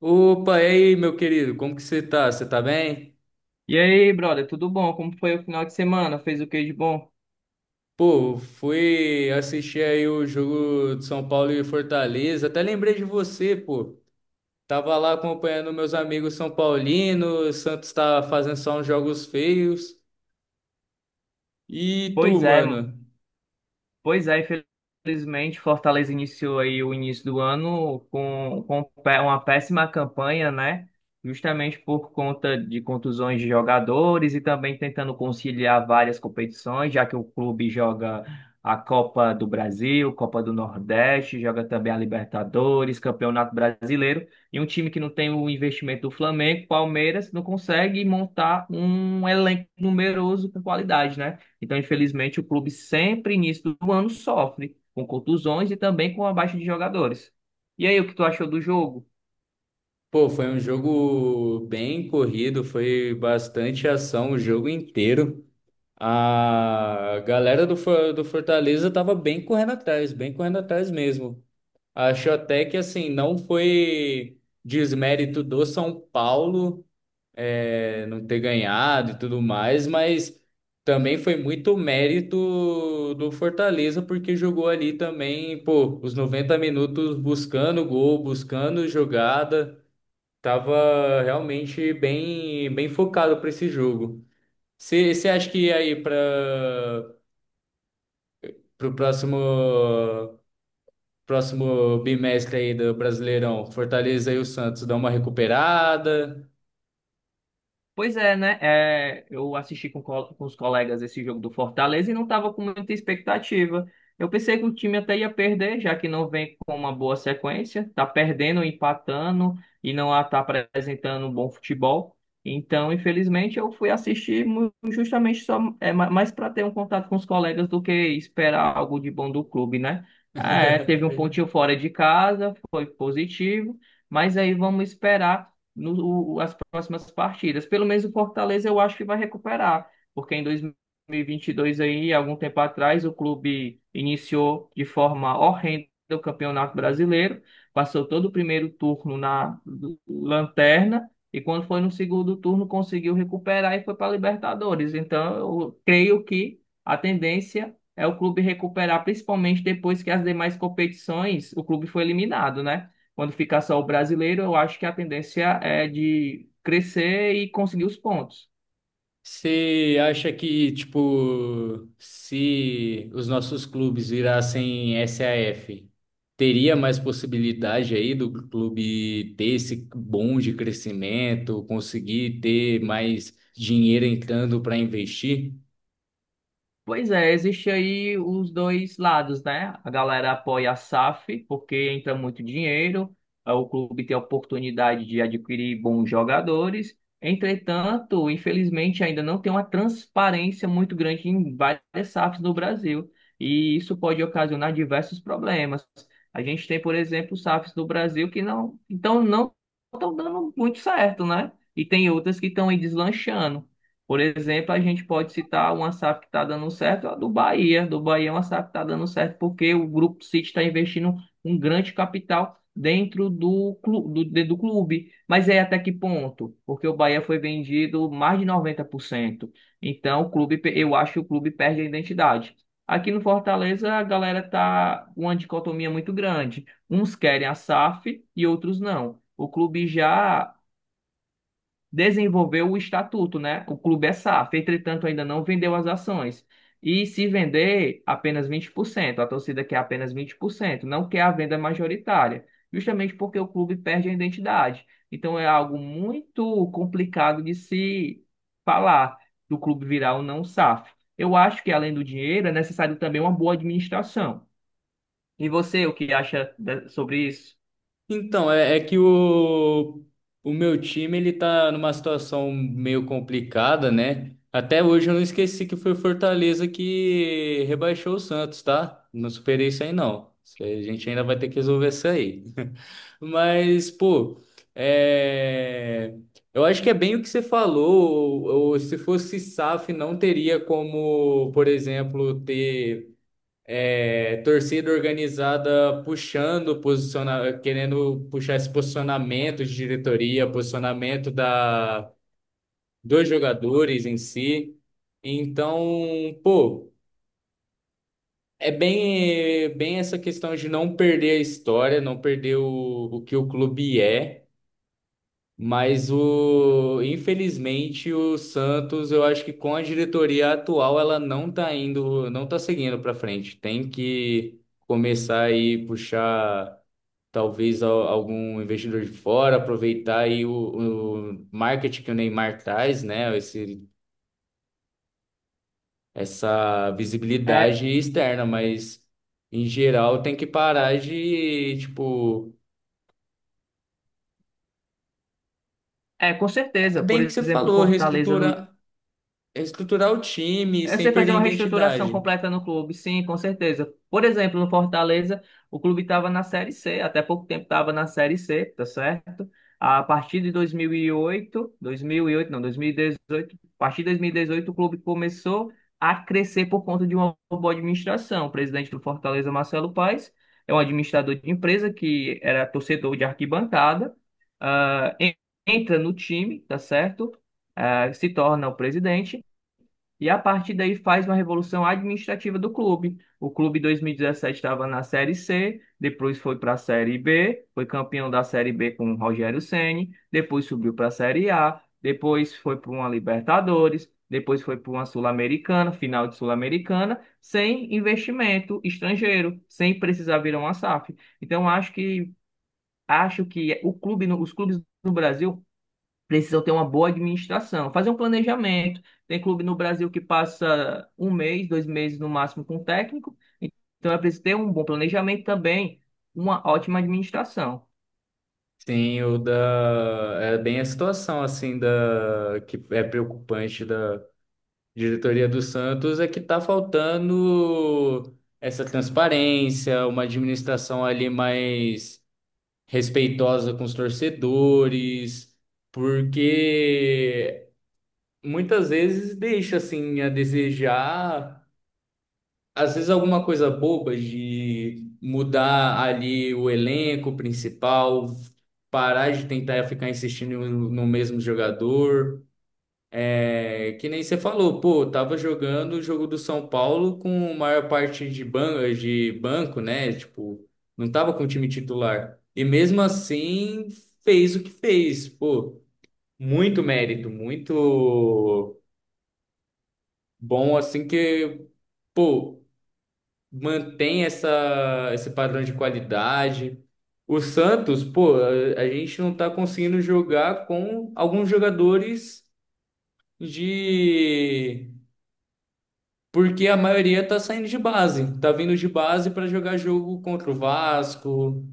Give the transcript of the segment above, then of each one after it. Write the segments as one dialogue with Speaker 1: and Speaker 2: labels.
Speaker 1: Opa, e aí, meu querido, como que você tá? Você tá bem?
Speaker 2: E aí, brother, tudo bom? Como foi o final de semana? Fez o que de bom?
Speaker 1: Pô, fui assistir aí o jogo de São Paulo e Fortaleza, até lembrei de você, pô. Tava lá acompanhando meus amigos são paulinos, Santos tá fazendo só uns jogos feios. E tu,
Speaker 2: Pois é,
Speaker 1: mano?
Speaker 2: Pois é, infelizmente, Fortaleza iniciou aí o início do ano com uma péssima campanha, né? Justamente por conta de contusões de jogadores e também tentando conciliar várias competições, já que o clube joga a Copa do Brasil, Copa do Nordeste, joga também a Libertadores, Campeonato Brasileiro, e um time que não tem o investimento do Flamengo, Palmeiras, não consegue montar um elenco numeroso com qualidade, né? Então, infelizmente, o clube sempre início do ano sofre com contusões e também com a baixa de jogadores. E aí, o que tu achou do jogo?
Speaker 1: Pô, foi um jogo bem corrido, foi bastante ação o jogo inteiro. A galera do Fortaleza tava bem correndo atrás mesmo. Acho até que assim, não foi desmérito do São Paulo, não ter ganhado e tudo mais, mas também foi muito mérito do Fortaleza, porque jogou ali também, pô, os 90 minutos buscando gol, buscando jogada. Tava realmente bem, bem focado para esse jogo. Você acha que aí para o próximo bimestre aí do Brasileirão, Fortaleza e o Santos dá uma recuperada?
Speaker 2: Pois é, né? É, eu assisti com os colegas esse jogo do Fortaleza e não estava com muita expectativa. Eu pensei que o time até ia perder, já que não vem com uma boa sequência, tá perdendo, empatando e não está apresentando um bom futebol. Então, infelizmente, eu fui assistir mu- justamente só é, ma- mais para ter um contato com os colegas do que esperar algo de bom do clube, né? É, teve um pontinho fora de casa, foi positivo, mas aí vamos esperar no, o- as próximas partidas. Pelo menos o Fortaleza eu acho que vai recuperar, porque em 2022 aí, algum tempo atrás, o clube iniciou de forma horrenda o Campeonato Brasileiro, passou todo o primeiro turno na lanterna e quando foi no segundo turno conseguiu recuperar e foi para a Libertadores. Então, eu creio que a tendência é o clube recuperar, principalmente depois que as demais competições o clube foi eliminado, né? Quando ficar só o brasileiro, eu acho que a tendência é de crescer e conseguir os pontos.
Speaker 1: Você acha que, tipo, se os nossos clubes virassem SAF teria mais possibilidade aí do clube ter esse bom de crescimento, conseguir ter mais dinheiro entrando para investir?
Speaker 2: Pois é, existe aí os dois lados, né? A galera apoia a SAF porque entra muito dinheiro, o clube tem a oportunidade de adquirir bons jogadores. Entretanto, infelizmente, ainda não tem uma transparência muito grande em várias SAFs no Brasil, e isso pode ocasionar diversos problemas. A gente tem, por exemplo, SAFs no Brasil que não, então não estão dando muito certo, né? E tem outras que estão aí deslanchando. Por exemplo, a gente pode citar uma SAF que está dando certo, é a do Bahia. Do Bahia é uma SAF que está dando certo porque o Grupo City está investindo um grande capital dentro do clube. Mas é até que ponto? Porque o Bahia foi vendido mais de 90%. Então, eu acho que o clube perde a identidade. Aqui no Fortaleza, a galera tá uma dicotomia muito grande. Uns querem a SAF e outros não. O clube já desenvolveu o estatuto, né? O clube é SAF, entretanto, ainda não vendeu as ações. E se vender, apenas 20%, a torcida quer apenas 20%, não quer a venda majoritária, justamente porque o clube perde a identidade. Então é algo muito complicado de se falar do clube virar ou não SAF. Eu acho que além do dinheiro é necessário também uma boa administração. E você, o que acha sobre isso?
Speaker 1: Então, é que o meu time, ele tá numa situação meio complicada, né? Até hoje eu não esqueci que foi o Fortaleza que rebaixou o Santos, tá? Não superei isso aí, não. Isso aí a gente ainda vai ter que resolver. Isso aí. Mas, pô, é, eu acho que é bem o que você falou. Ou se fosse SAF, não teria como, por exemplo, ter, torcida organizada puxando, posiciona, querendo puxar esse posicionamento de diretoria, posicionamento dos jogadores em si. Então, pô, é bem essa questão de não perder a história, não perder o que o clube é. Mas infelizmente, o Santos, eu acho que com a diretoria atual, ela não tá indo, não tá seguindo para frente. Tem que começar aí puxar talvez algum investidor de fora, aproveitar aí o marketing que o Neymar traz, né? Essa
Speaker 2: É,
Speaker 1: visibilidade externa, mas em geral tem que parar de, tipo,
Speaker 2: com
Speaker 1: é
Speaker 2: certeza. Por
Speaker 1: bem o que você
Speaker 2: exemplo,
Speaker 1: falou,
Speaker 2: Fortaleza no,
Speaker 1: reestruturar o time
Speaker 2: é você
Speaker 1: sem perder
Speaker 2: fazer
Speaker 1: a
Speaker 2: uma reestruturação
Speaker 1: identidade.
Speaker 2: completa no clube, sim, com certeza. Por exemplo, no Fortaleza, o clube estava na Série C, até pouco tempo estava na Série C, tá certo? A partir de 2008, 2008, não, 2018, a partir de 2018 o clube começou a crescer por conta de uma boa administração. O presidente do Fortaleza, Marcelo Paes, é um administrador de empresa que era torcedor de arquibancada, ah, en- entra no time, tá certo? Se torna o presidente e a partir daí faz uma revolução administrativa do clube. O clube em 2017 estava na Série C, depois foi para a Série B, foi campeão da Série B com o Rogério Ceni, depois subiu para a Série A, depois foi para uma Libertadores, depois foi para uma Sul-Americana, final de Sul-Americana, sem investimento estrangeiro, sem precisar virar uma SAF. Então acho que o clube, no- os clubes no Brasil precisam ter uma boa administração, fazer um planejamento. Tem clube no Brasil que passa um mês, dois meses no máximo com o técnico, então é preciso ter um bom planejamento também, uma ótima administração.
Speaker 1: Sim, o da. É bem a situação, assim, da. Que é preocupante da diretoria do Santos, é que tá faltando essa transparência, uma administração ali mais respeitosa com os torcedores, porque muitas vezes deixa, assim, a desejar. Às vezes alguma coisa boba de mudar ali o elenco principal, parar de tentar ficar insistindo no mesmo jogador. É, que nem você falou, pô, tava jogando o jogo do São Paulo com a maior parte de banco, né? Tipo, não tava com o time titular. E mesmo assim fez o que fez, pô. Muito mérito, muito bom assim pô, mantém esse padrão de qualidade. O Santos, pô, a gente não tá conseguindo jogar com alguns jogadores de. Porque a maioria tá saindo de base, tá vindo de base para jogar jogo contra o Vasco.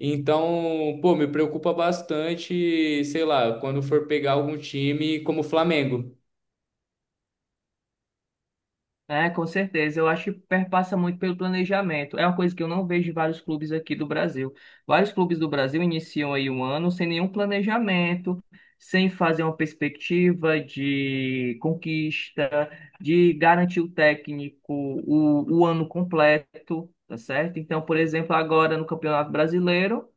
Speaker 1: Então, pô, me preocupa bastante, sei lá, quando for pegar algum time como o Flamengo.
Speaker 2: É, com certeza. Eu acho que perpassa muito pelo planejamento. É uma coisa que eu não vejo em vários clubes aqui do Brasil. Vários clubes do Brasil iniciam aí um ano sem nenhum planejamento, sem fazer uma perspectiva de conquista, de garantir o técnico o ano completo, tá certo? Então, por exemplo, agora no Campeonato Brasileiro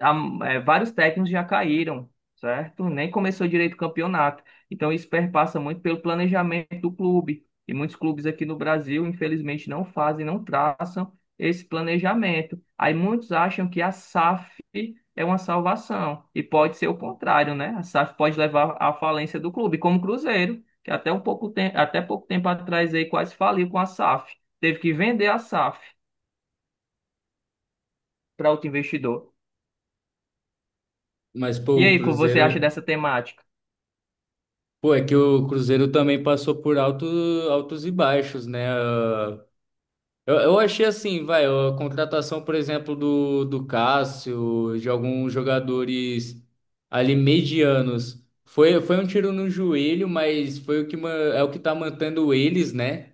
Speaker 2: há- vários técnicos já caíram, certo? Nem começou direito o campeonato. Então isso perpassa muito pelo planejamento do clube. E muitos clubes aqui no Brasil, infelizmente, não fazem, não traçam esse planejamento. Aí muitos acham que a SAF é uma salvação. E pode ser o contrário, né? A SAF pode levar à falência do clube, como o Cruzeiro, que até pouco tempo atrás aí quase faliu com a SAF. Teve que vender a SAF para outro investidor.
Speaker 1: Mas, pô,
Speaker 2: E
Speaker 1: o
Speaker 2: aí, o que você acha
Speaker 1: Cruzeiro.
Speaker 2: dessa temática?
Speaker 1: Pô, é que o Cruzeiro também passou por altos e baixos, né? Eu achei assim, vai, a contratação, por exemplo, do Cássio, de alguns jogadores ali medianos, foi um tiro no joelho, mas foi o que é o que tá mantendo eles, né?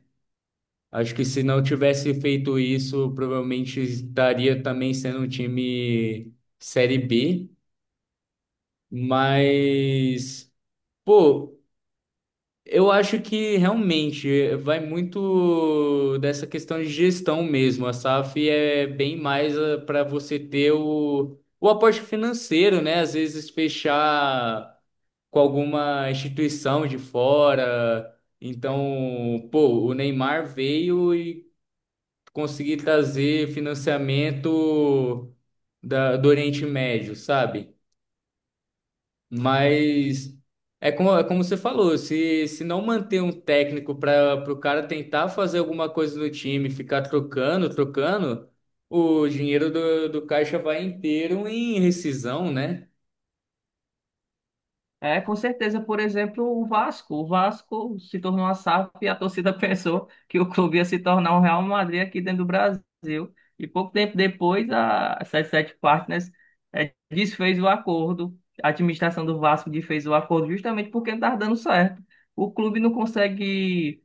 Speaker 1: Acho que se não tivesse feito isso, provavelmente estaria também sendo um time Série B, mas, pô, eu acho que realmente vai muito dessa questão de gestão mesmo. A SAF é bem mais para você ter o aporte financeiro, né? Às vezes fechar com alguma instituição de fora. Então, pô, o Neymar veio e conseguiu trazer financiamento do Oriente Médio, sabe? Mas é é como você falou, se não manter um técnico para o cara tentar fazer alguma coisa no time, ficar trocando, o dinheiro do caixa vai inteiro em rescisão, né?
Speaker 2: É, com certeza, por exemplo, o Vasco. O Vasco se tornou a SAF e a torcida pensou que o clube ia se tornar um Real Madrid aqui dentro do Brasil. E pouco tempo depois, a 77 Partners desfez o acordo. A administração do Vasco desfez o acordo justamente porque não estava dando certo. O clube não consegue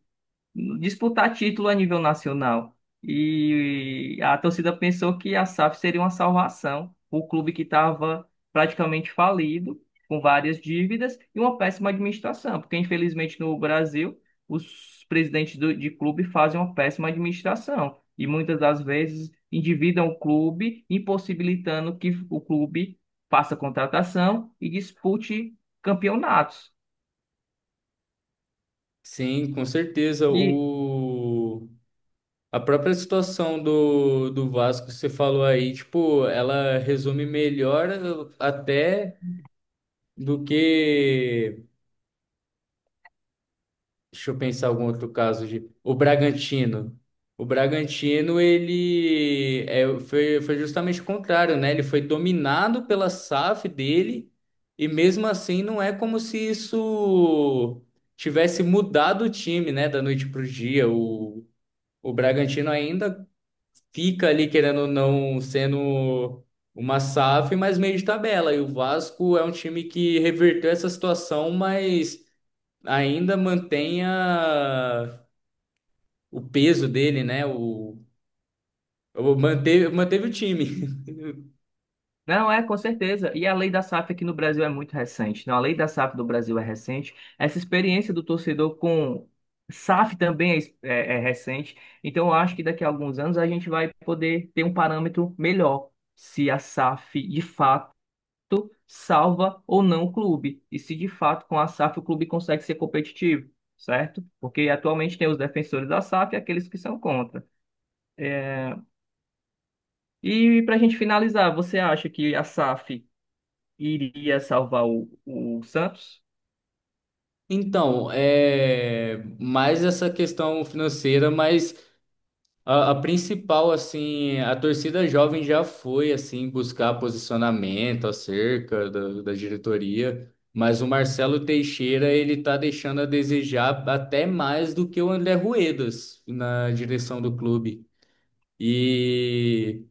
Speaker 2: disputar título a nível nacional. E a torcida pensou que a SAF seria uma salvação, o clube que estava praticamente falido, com várias dívidas e uma péssima administração, porque infelizmente no Brasil os presidentes de clube fazem uma péssima administração e muitas das vezes endividam o clube, impossibilitando que o clube faça contratação e dispute campeonatos.
Speaker 1: Sim, com certeza.
Speaker 2: E
Speaker 1: O, a própria situação do Vasco, que você falou aí, tipo, ela resume melhor até do que. Deixa eu pensar algum outro caso de o Bragantino. O Bragantino, foi justamente o contrário, né? Ele foi dominado pela SAF dele, e mesmo assim não é como se isso tivesse mudado o time, né? Da noite para o dia. O Bragantino ainda fica ali, querendo ou não, sendo uma SAF, mas meio de tabela. E o Vasco é um time que reverteu essa situação, mas ainda mantenha o peso dele, né? Manteve o time.
Speaker 2: Não, é, com certeza. E a lei da SAF aqui no Brasil é muito recente. Não, a lei da SAF do Brasil é recente. Essa experiência do torcedor com SAF também é recente. Então, eu acho que daqui a alguns anos a gente vai poder ter um parâmetro melhor se a SAF de fato salva ou não o clube. E se de fato com a SAF o clube consegue ser competitivo, certo? Porque atualmente tem os defensores da SAF e aqueles que são contra. É, E para a gente finalizar, você acha que a SAF iria salvar o Santos?
Speaker 1: Então, é mais essa questão financeira, mas a principal, assim, a torcida jovem já foi, assim, buscar posicionamento acerca da diretoria, mas o Marcelo Teixeira, ele tá deixando a desejar até mais do que o André Ruedas na direção do clube. E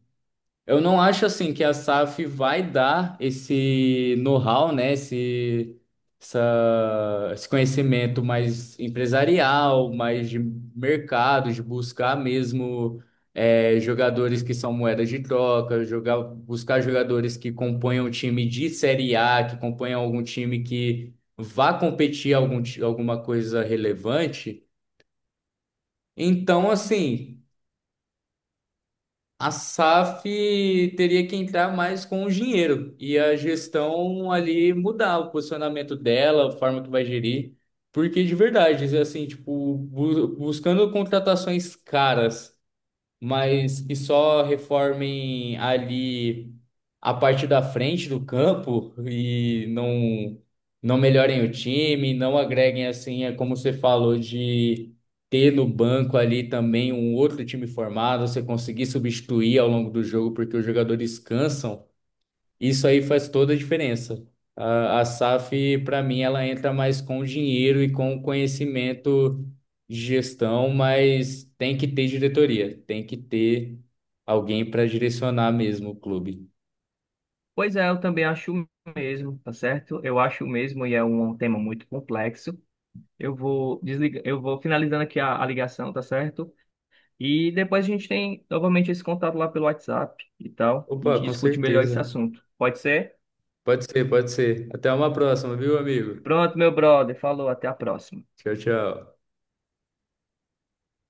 Speaker 1: eu não acho assim que a SAF vai dar esse know-how, né? Esse conhecimento mais empresarial, mais de mercado, de buscar mesmo, jogadores que são moedas de troca, jogar, buscar jogadores que componham um time de Série A, que componham algum time que vá competir alguma coisa relevante. Então, assim, a SAF teria que entrar mais com o dinheiro e a gestão ali mudar o posicionamento dela, a forma que vai gerir, porque de verdade, assim, tipo, buscando contratações caras mas que só reformem ali a parte da frente do campo e não melhorem o time, não agreguem assim, é como você falou de ter no banco ali também um outro time formado, você conseguir substituir ao longo do jogo porque os jogadores cansam. Isso aí faz toda a diferença. A SAF, para mim, ela entra mais com o dinheiro e com o conhecimento de gestão, mas tem que ter diretoria, tem que ter alguém para direcionar mesmo o clube.
Speaker 2: Pois é, eu também acho o mesmo, tá certo? Eu acho o mesmo e é um tema muito complexo. Eu vou desligar, eu vou finalizando aqui a ligação, tá certo? E depois a gente tem novamente esse contato lá pelo WhatsApp e tal. A gente
Speaker 1: Opa, com
Speaker 2: discute melhor esse
Speaker 1: certeza.
Speaker 2: assunto. Pode ser?
Speaker 1: Pode ser, pode ser. Até uma próxima, viu, amigo?
Speaker 2: Pronto, meu brother. Falou, até a próxima.
Speaker 1: Tchau, tchau.